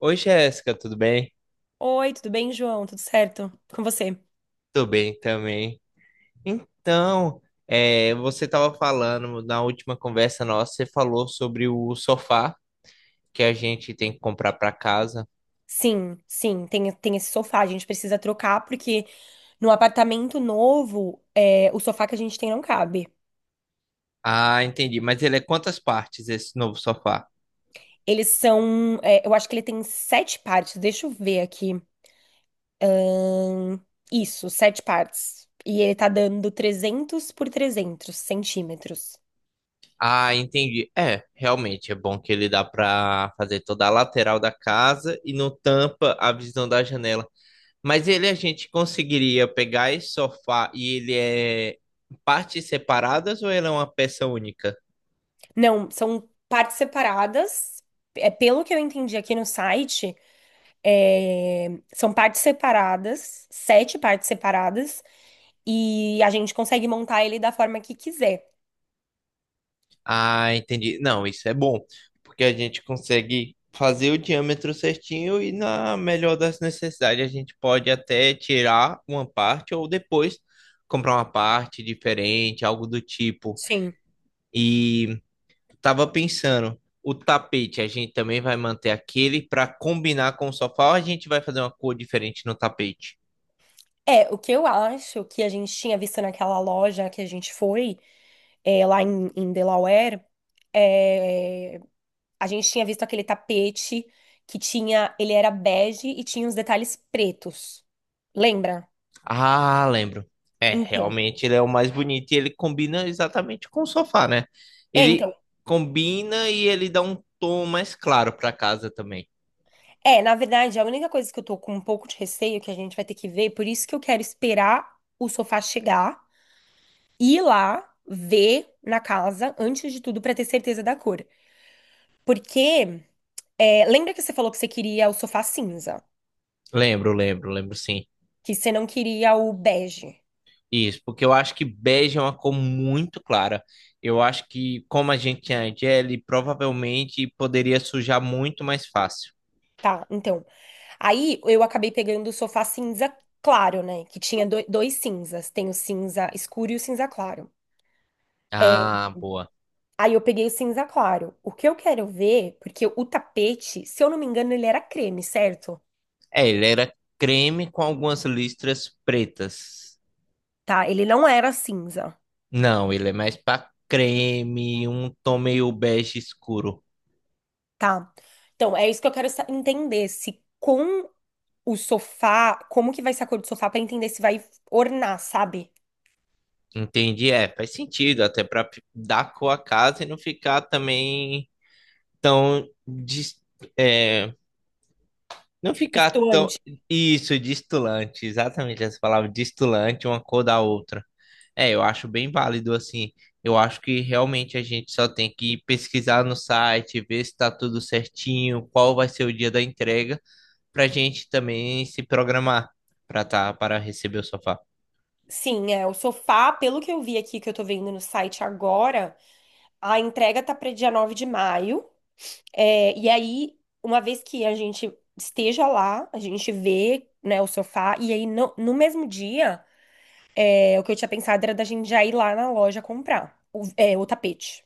Oi, Jéssica, tudo bem? Oi, tudo bem, João? Tudo certo? Com você? Tudo bem também. Então, você estava falando na última conversa nossa, você falou sobre o sofá que a gente tem que comprar para casa. Sim, sim, tem esse sofá, a gente precisa trocar, porque no apartamento novo, o sofá que a gente tem não cabe. Ah, entendi. Mas ele é quantas partes esse novo sofá? Eles são, eu acho que ele tem sete partes, deixa eu ver aqui. Hum, isso, sete partes. E ele tá dando 300 por 300 centímetros. Ah, entendi. É, realmente é bom que ele dá para fazer toda a lateral da casa e não tampa a visão da janela. Mas ele a gente conseguiria pegar esse sofá e ele é partes separadas ou ele é uma peça única? Não, são partes separadas. É, pelo que eu entendi aqui no site, é, são partes separadas, sete partes separadas. E a gente consegue montar ele da forma que quiser. Ah, entendi. Não, isso é bom, porque a gente consegue fazer o diâmetro certinho e, na melhor das necessidades, a gente pode até tirar uma parte ou depois comprar uma parte diferente, algo do tipo. Sim. E tava pensando, o tapete a gente também vai manter aquele para combinar com o sofá ou a gente vai fazer uma cor diferente no tapete? É, o que eu acho que a gente tinha visto naquela loja que a gente foi, lá em Delaware, é, a gente tinha visto aquele tapete que tinha, ele era bege e tinha os detalhes pretos. Lembra? Ah, lembro. É, Então, realmente ele é o mais bonito e ele combina exatamente com o sofá, né? é, Ele então, combina e ele dá um tom mais claro pra casa também. Na verdade, a única coisa que eu tô com um pouco de receio que a gente vai ter que ver, por isso que eu quero esperar o sofá chegar ir lá ver na casa, antes de tudo, pra ter certeza da cor. Porque, lembra que você falou que você queria o sofá cinza, Lembro, lembro, lembro sim. que você não queria o bege, Isso, porque eu acho que bege é uma cor muito clara. Eu acho que, como a gente tinha a Jelly, provavelmente poderia sujar muito mais fácil. tá? Então, aí eu acabei pegando o sofá cinza claro, né? Que tinha dois cinzas, tem o cinza escuro e o cinza claro. Ah, boa. Aí eu peguei o cinza claro. O que eu quero ver, porque o tapete, se eu não me engano, ele era creme, certo? É, ele era creme com algumas listras pretas. Tá? Ele não era cinza. Não, ele é mais pra creme, um tom meio bege escuro. Tá. Então, é isso que eu quero entender, se com o sofá, como que vai ser a cor do sofá pra entender se vai ornar, sabe? Entendi, é, faz sentido, até dar cor à casa e não ficar também tão, dis- é, não ficar tão, Distoante. isso, distulante, exatamente essa palavra, distulante, uma cor da outra. É, eu acho bem válido, assim, eu acho que realmente a gente só tem que pesquisar no site, ver se tá tudo certinho, qual vai ser o dia da entrega, pra gente também se programar para receber o sofá. Sim, o sofá, pelo que eu vi aqui, que eu tô vendo no site agora, a entrega tá para dia 9 de maio. É, e aí, uma vez que a gente esteja lá, a gente vê, né, o sofá, e aí no mesmo dia, o que eu tinha pensado era da gente já ir lá na loja comprar o tapete.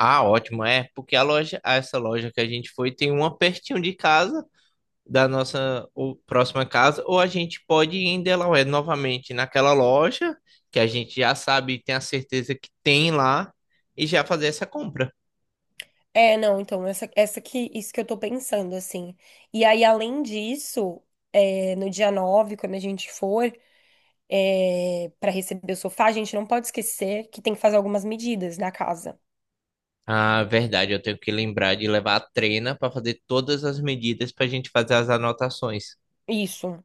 Ah, ótimo, é, porque a loja, essa loja que a gente foi tem uma pertinho de casa, da nossa ou próxima casa, ou a gente pode ir em Delaware novamente naquela loja que a gente já sabe e tem a certeza que tem lá e já fazer essa compra. É, não, então, isso que eu tô pensando, assim. E aí, além disso, no dia 9 quando a gente for, para receber o sofá, a gente não pode esquecer que tem que fazer algumas medidas na casa. Ah, verdade, eu tenho que lembrar de levar a trena para fazer todas as medidas para a gente fazer as anotações. Isso.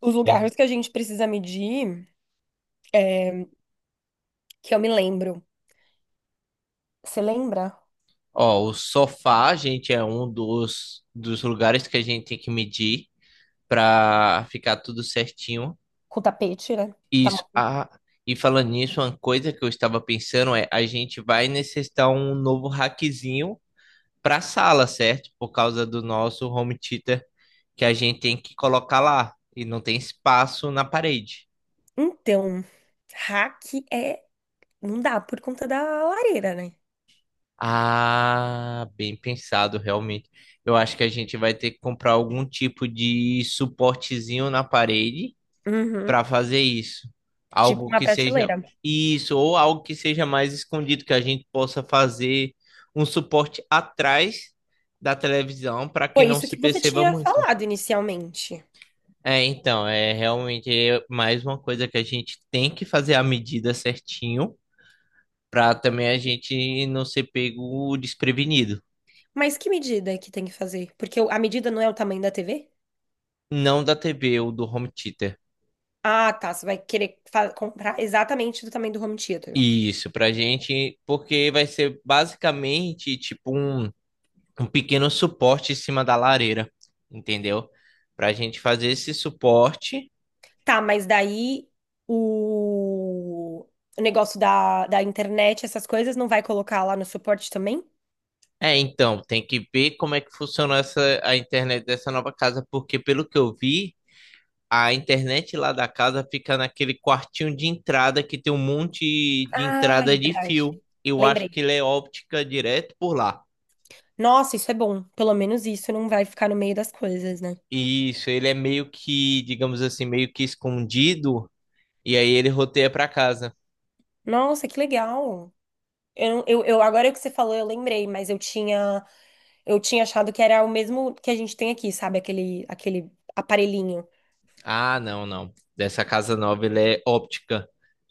Os lugares que a gente precisa medir, que eu me lembro. Você lembra? Ó, o sofá, gente, é um dos lugares que a gente tem que medir para ficar tudo certinho. Com o tapete, né? Tá Isso. bom. Ah, e falando nisso, uma coisa que eu estava pensando é a gente vai necessitar um novo rackzinho para sala, certo? Por causa do nosso home theater que a gente tem que colocar lá e não tem espaço na parede. Então, rack é. Não dá por conta da lareira, né? Ah, bem pensado, realmente. Eu acho que a gente vai ter que comprar algum tipo de suportezinho na parede Uhum. para fazer isso. Tipo Algo uma que seja prateleira. isso, ou algo que seja mais escondido, que a gente possa fazer um suporte atrás da televisão para que Foi não isso se que você perceba tinha muito. falado inicialmente. É, então, é realmente é mais uma coisa que a gente tem que fazer a medida certinho para também a gente não ser pego desprevenido. Mas que medida é que tem que fazer? Porque a medida não é o tamanho da TV? Não da TV ou do home theater. Ah, tá. Você vai querer comprar exatamente do tamanho do home theater. Isso, pra gente, porque vai ser basicamente tipo um pequeno suporte em cima da lareira, entendeu? Para a gente fazer esse suporte. Tá, mas daí o, o negócio da internet, essas coisas, não vai colocar lá no suporte também? É, então, tem que ver como é que funciona a internet dessa nova casa, porque pelo que eu vi, a internet lá da casa fica naquele quartinho de entrada que tem um monte de Ah, entrada é de verdade. fio. Eu acho Lembrei. que ele é óptica direto por lá. Nossa, isso é bom. Pelo menos isso não vai ficar no meio das coisas, né? Isso, ele é meio que, digamos assim, meio que escondido, e aí ele roteia para casa. Nossa, que legal. Eu, não- eu- agora que você falou, eu lembrei, mas eu tinha. Eu tinha achado que era o mesmo que a gente tem aqui, sabe? Aquele aparelhinho. Ah, não, não. Dessa casa nova ele é óptica.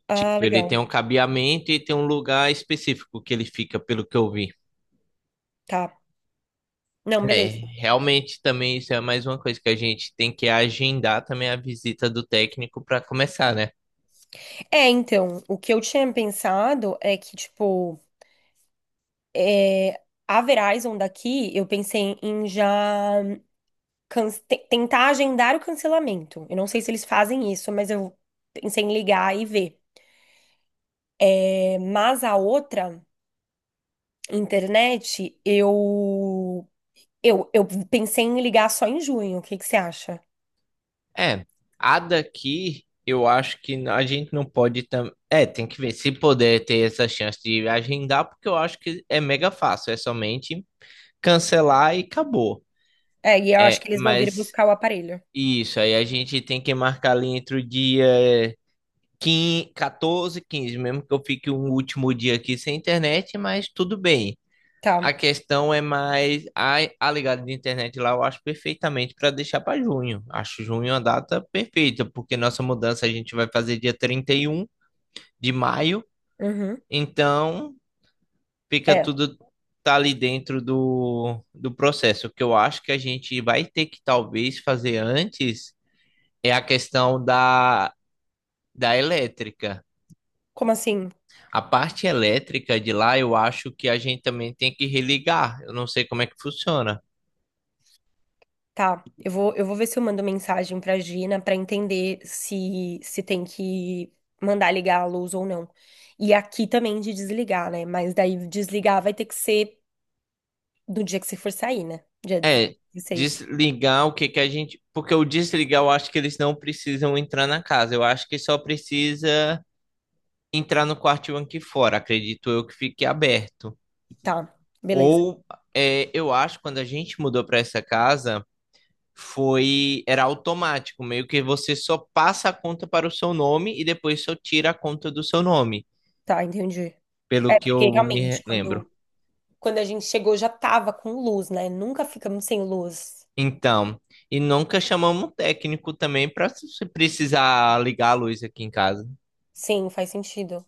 Ah, Tipo, ele tem legal. um cabeamento e tem um lugar específico que ele fica, pelo que eu vi. Tá. Não, É, beleza. realmente também isso é mais uma coisa que a gente tem que agendar também a visita do técnico para começar, né? É, então, o que eu tinha pensado é que, tipo, é, a Verizon daqui, eu pensei em já tentar agendar o cancelamento. Eu não sei se eles fazem isso, mas eu pensei em ligar e ver. É, mas a outra internet, eu pensei em ligar só em junho. O que que você acha? É, a daqui eu acho que a gente não pode também. É, tem que ver se poder ter essa chance de agendar, porque eu acho que é mega fácil, é somente cancelar e acabou. É, e eu acho É, que eles vão vir mas buscar o aparelho. isso aí a gente tem que marcar ali entre o dia 15, 14, 15, mesmo que eu fique um último dia aqui sem internet, mas tudo bem. A Tá. questão é mais a ligada de internet lá, eu acho perfeitamente para deixar para junho. Acho junho a data perfeita, porque nossa mudança a gente vai fazer dia 31 de maio, Uhum. então fica É. tudo tá ali dentro do, do processo. O que eu acho que a gente vai ter que talvez fazer antes é a questão da elétrica. Como assim? A parte elétrica de lá, eu acho que a gente também tem que religar. Eu não sei como é que funciona. Tá. Eu vou ver se eu mando mensagem pra Gina pra entender se tem que mandar ligar a luz ou não. E aqui também de desligar, né? Mas daí desligar vai ter que ser do dia que você for sair, né? Dia É, 16. desligar o que que a gente. Porque o desligar, eu acho que eles não precisam entrar na casa. Eu acho que só precisa entrar no quartinho aqui fora. Acredito eu que fique aberto. Tá. Beleza. Ou, é, eu acho, que quando a gente mudou para essa casa, foi. Era automático, meio que você só passa a conta para o seu nome e depois só tira a conta do seu nome, Tá, entendi. É, pelo que porque eu me realmente, lembro. quando a gente chegou já tava com luz, né? Nunca ficamos sem luz. Então, e nunca chamamos um técnico também para se precisar ligar a luz aqui em casa. Sim, faz sentido.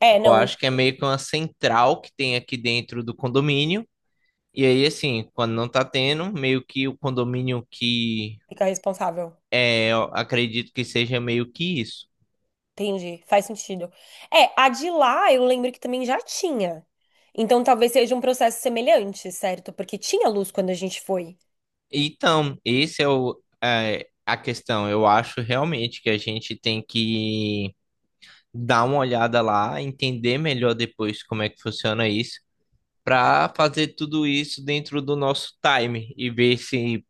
É, Eu não, então acho que é meio que uma central que tem aqui dentro do condomínio. E aí, assim, quando não tá tendo, meio que o condomínio que fica responsável. é, eu acredito que seja meio que isso. Entendi, faz sentido. É, a de lá eu lembro que também já tinha. Então talvez seja um processo semelhante, certo? Porque tinha luz quando a gente foi. Então, esse é o, é, a questão. Eu acho realmente que a gente tem que dar uma olhada lá, entender melhor depois como é que funciona isso, para fazer tudo isso dentro do nosso time e ver se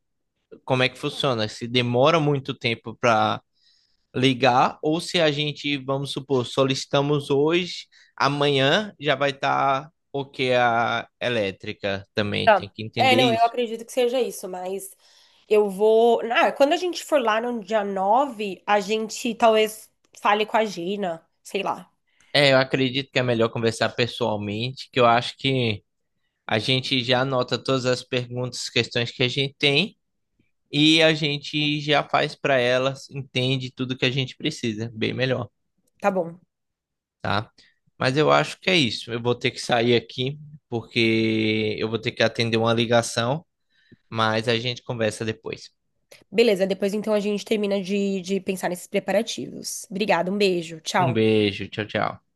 como é que funciona, se demora muito tempo para ligar ou se a gente, vamos supor, solicitamos hoje, amanhã já vai estar ok a elétrica também, tem Tá. que É, entender não, eu isso. acredito que seja isso, mas eu vou. Ah, quando a gente for lá no dia 9, a gente talvez fale com a Gina, sei lá. É, eu acredito que é melhor conversar pessoalmente, que eu acho que a gente já anota todas as perguntas, questões que a gente tem e a gente já faz para elas, entende tudo que a gente precisa, bem melhor. Tá bom. Tá? Mas eu acho que é isso. Eu vou ter que sair aqui porque eu vou ter que atender uma ligação, mas a gente conversa depois. Beleza, depois então a gente termina de pensar nesses preparativos. Obrigada, um beijo, Um tchau. beijo, tchau, tchau.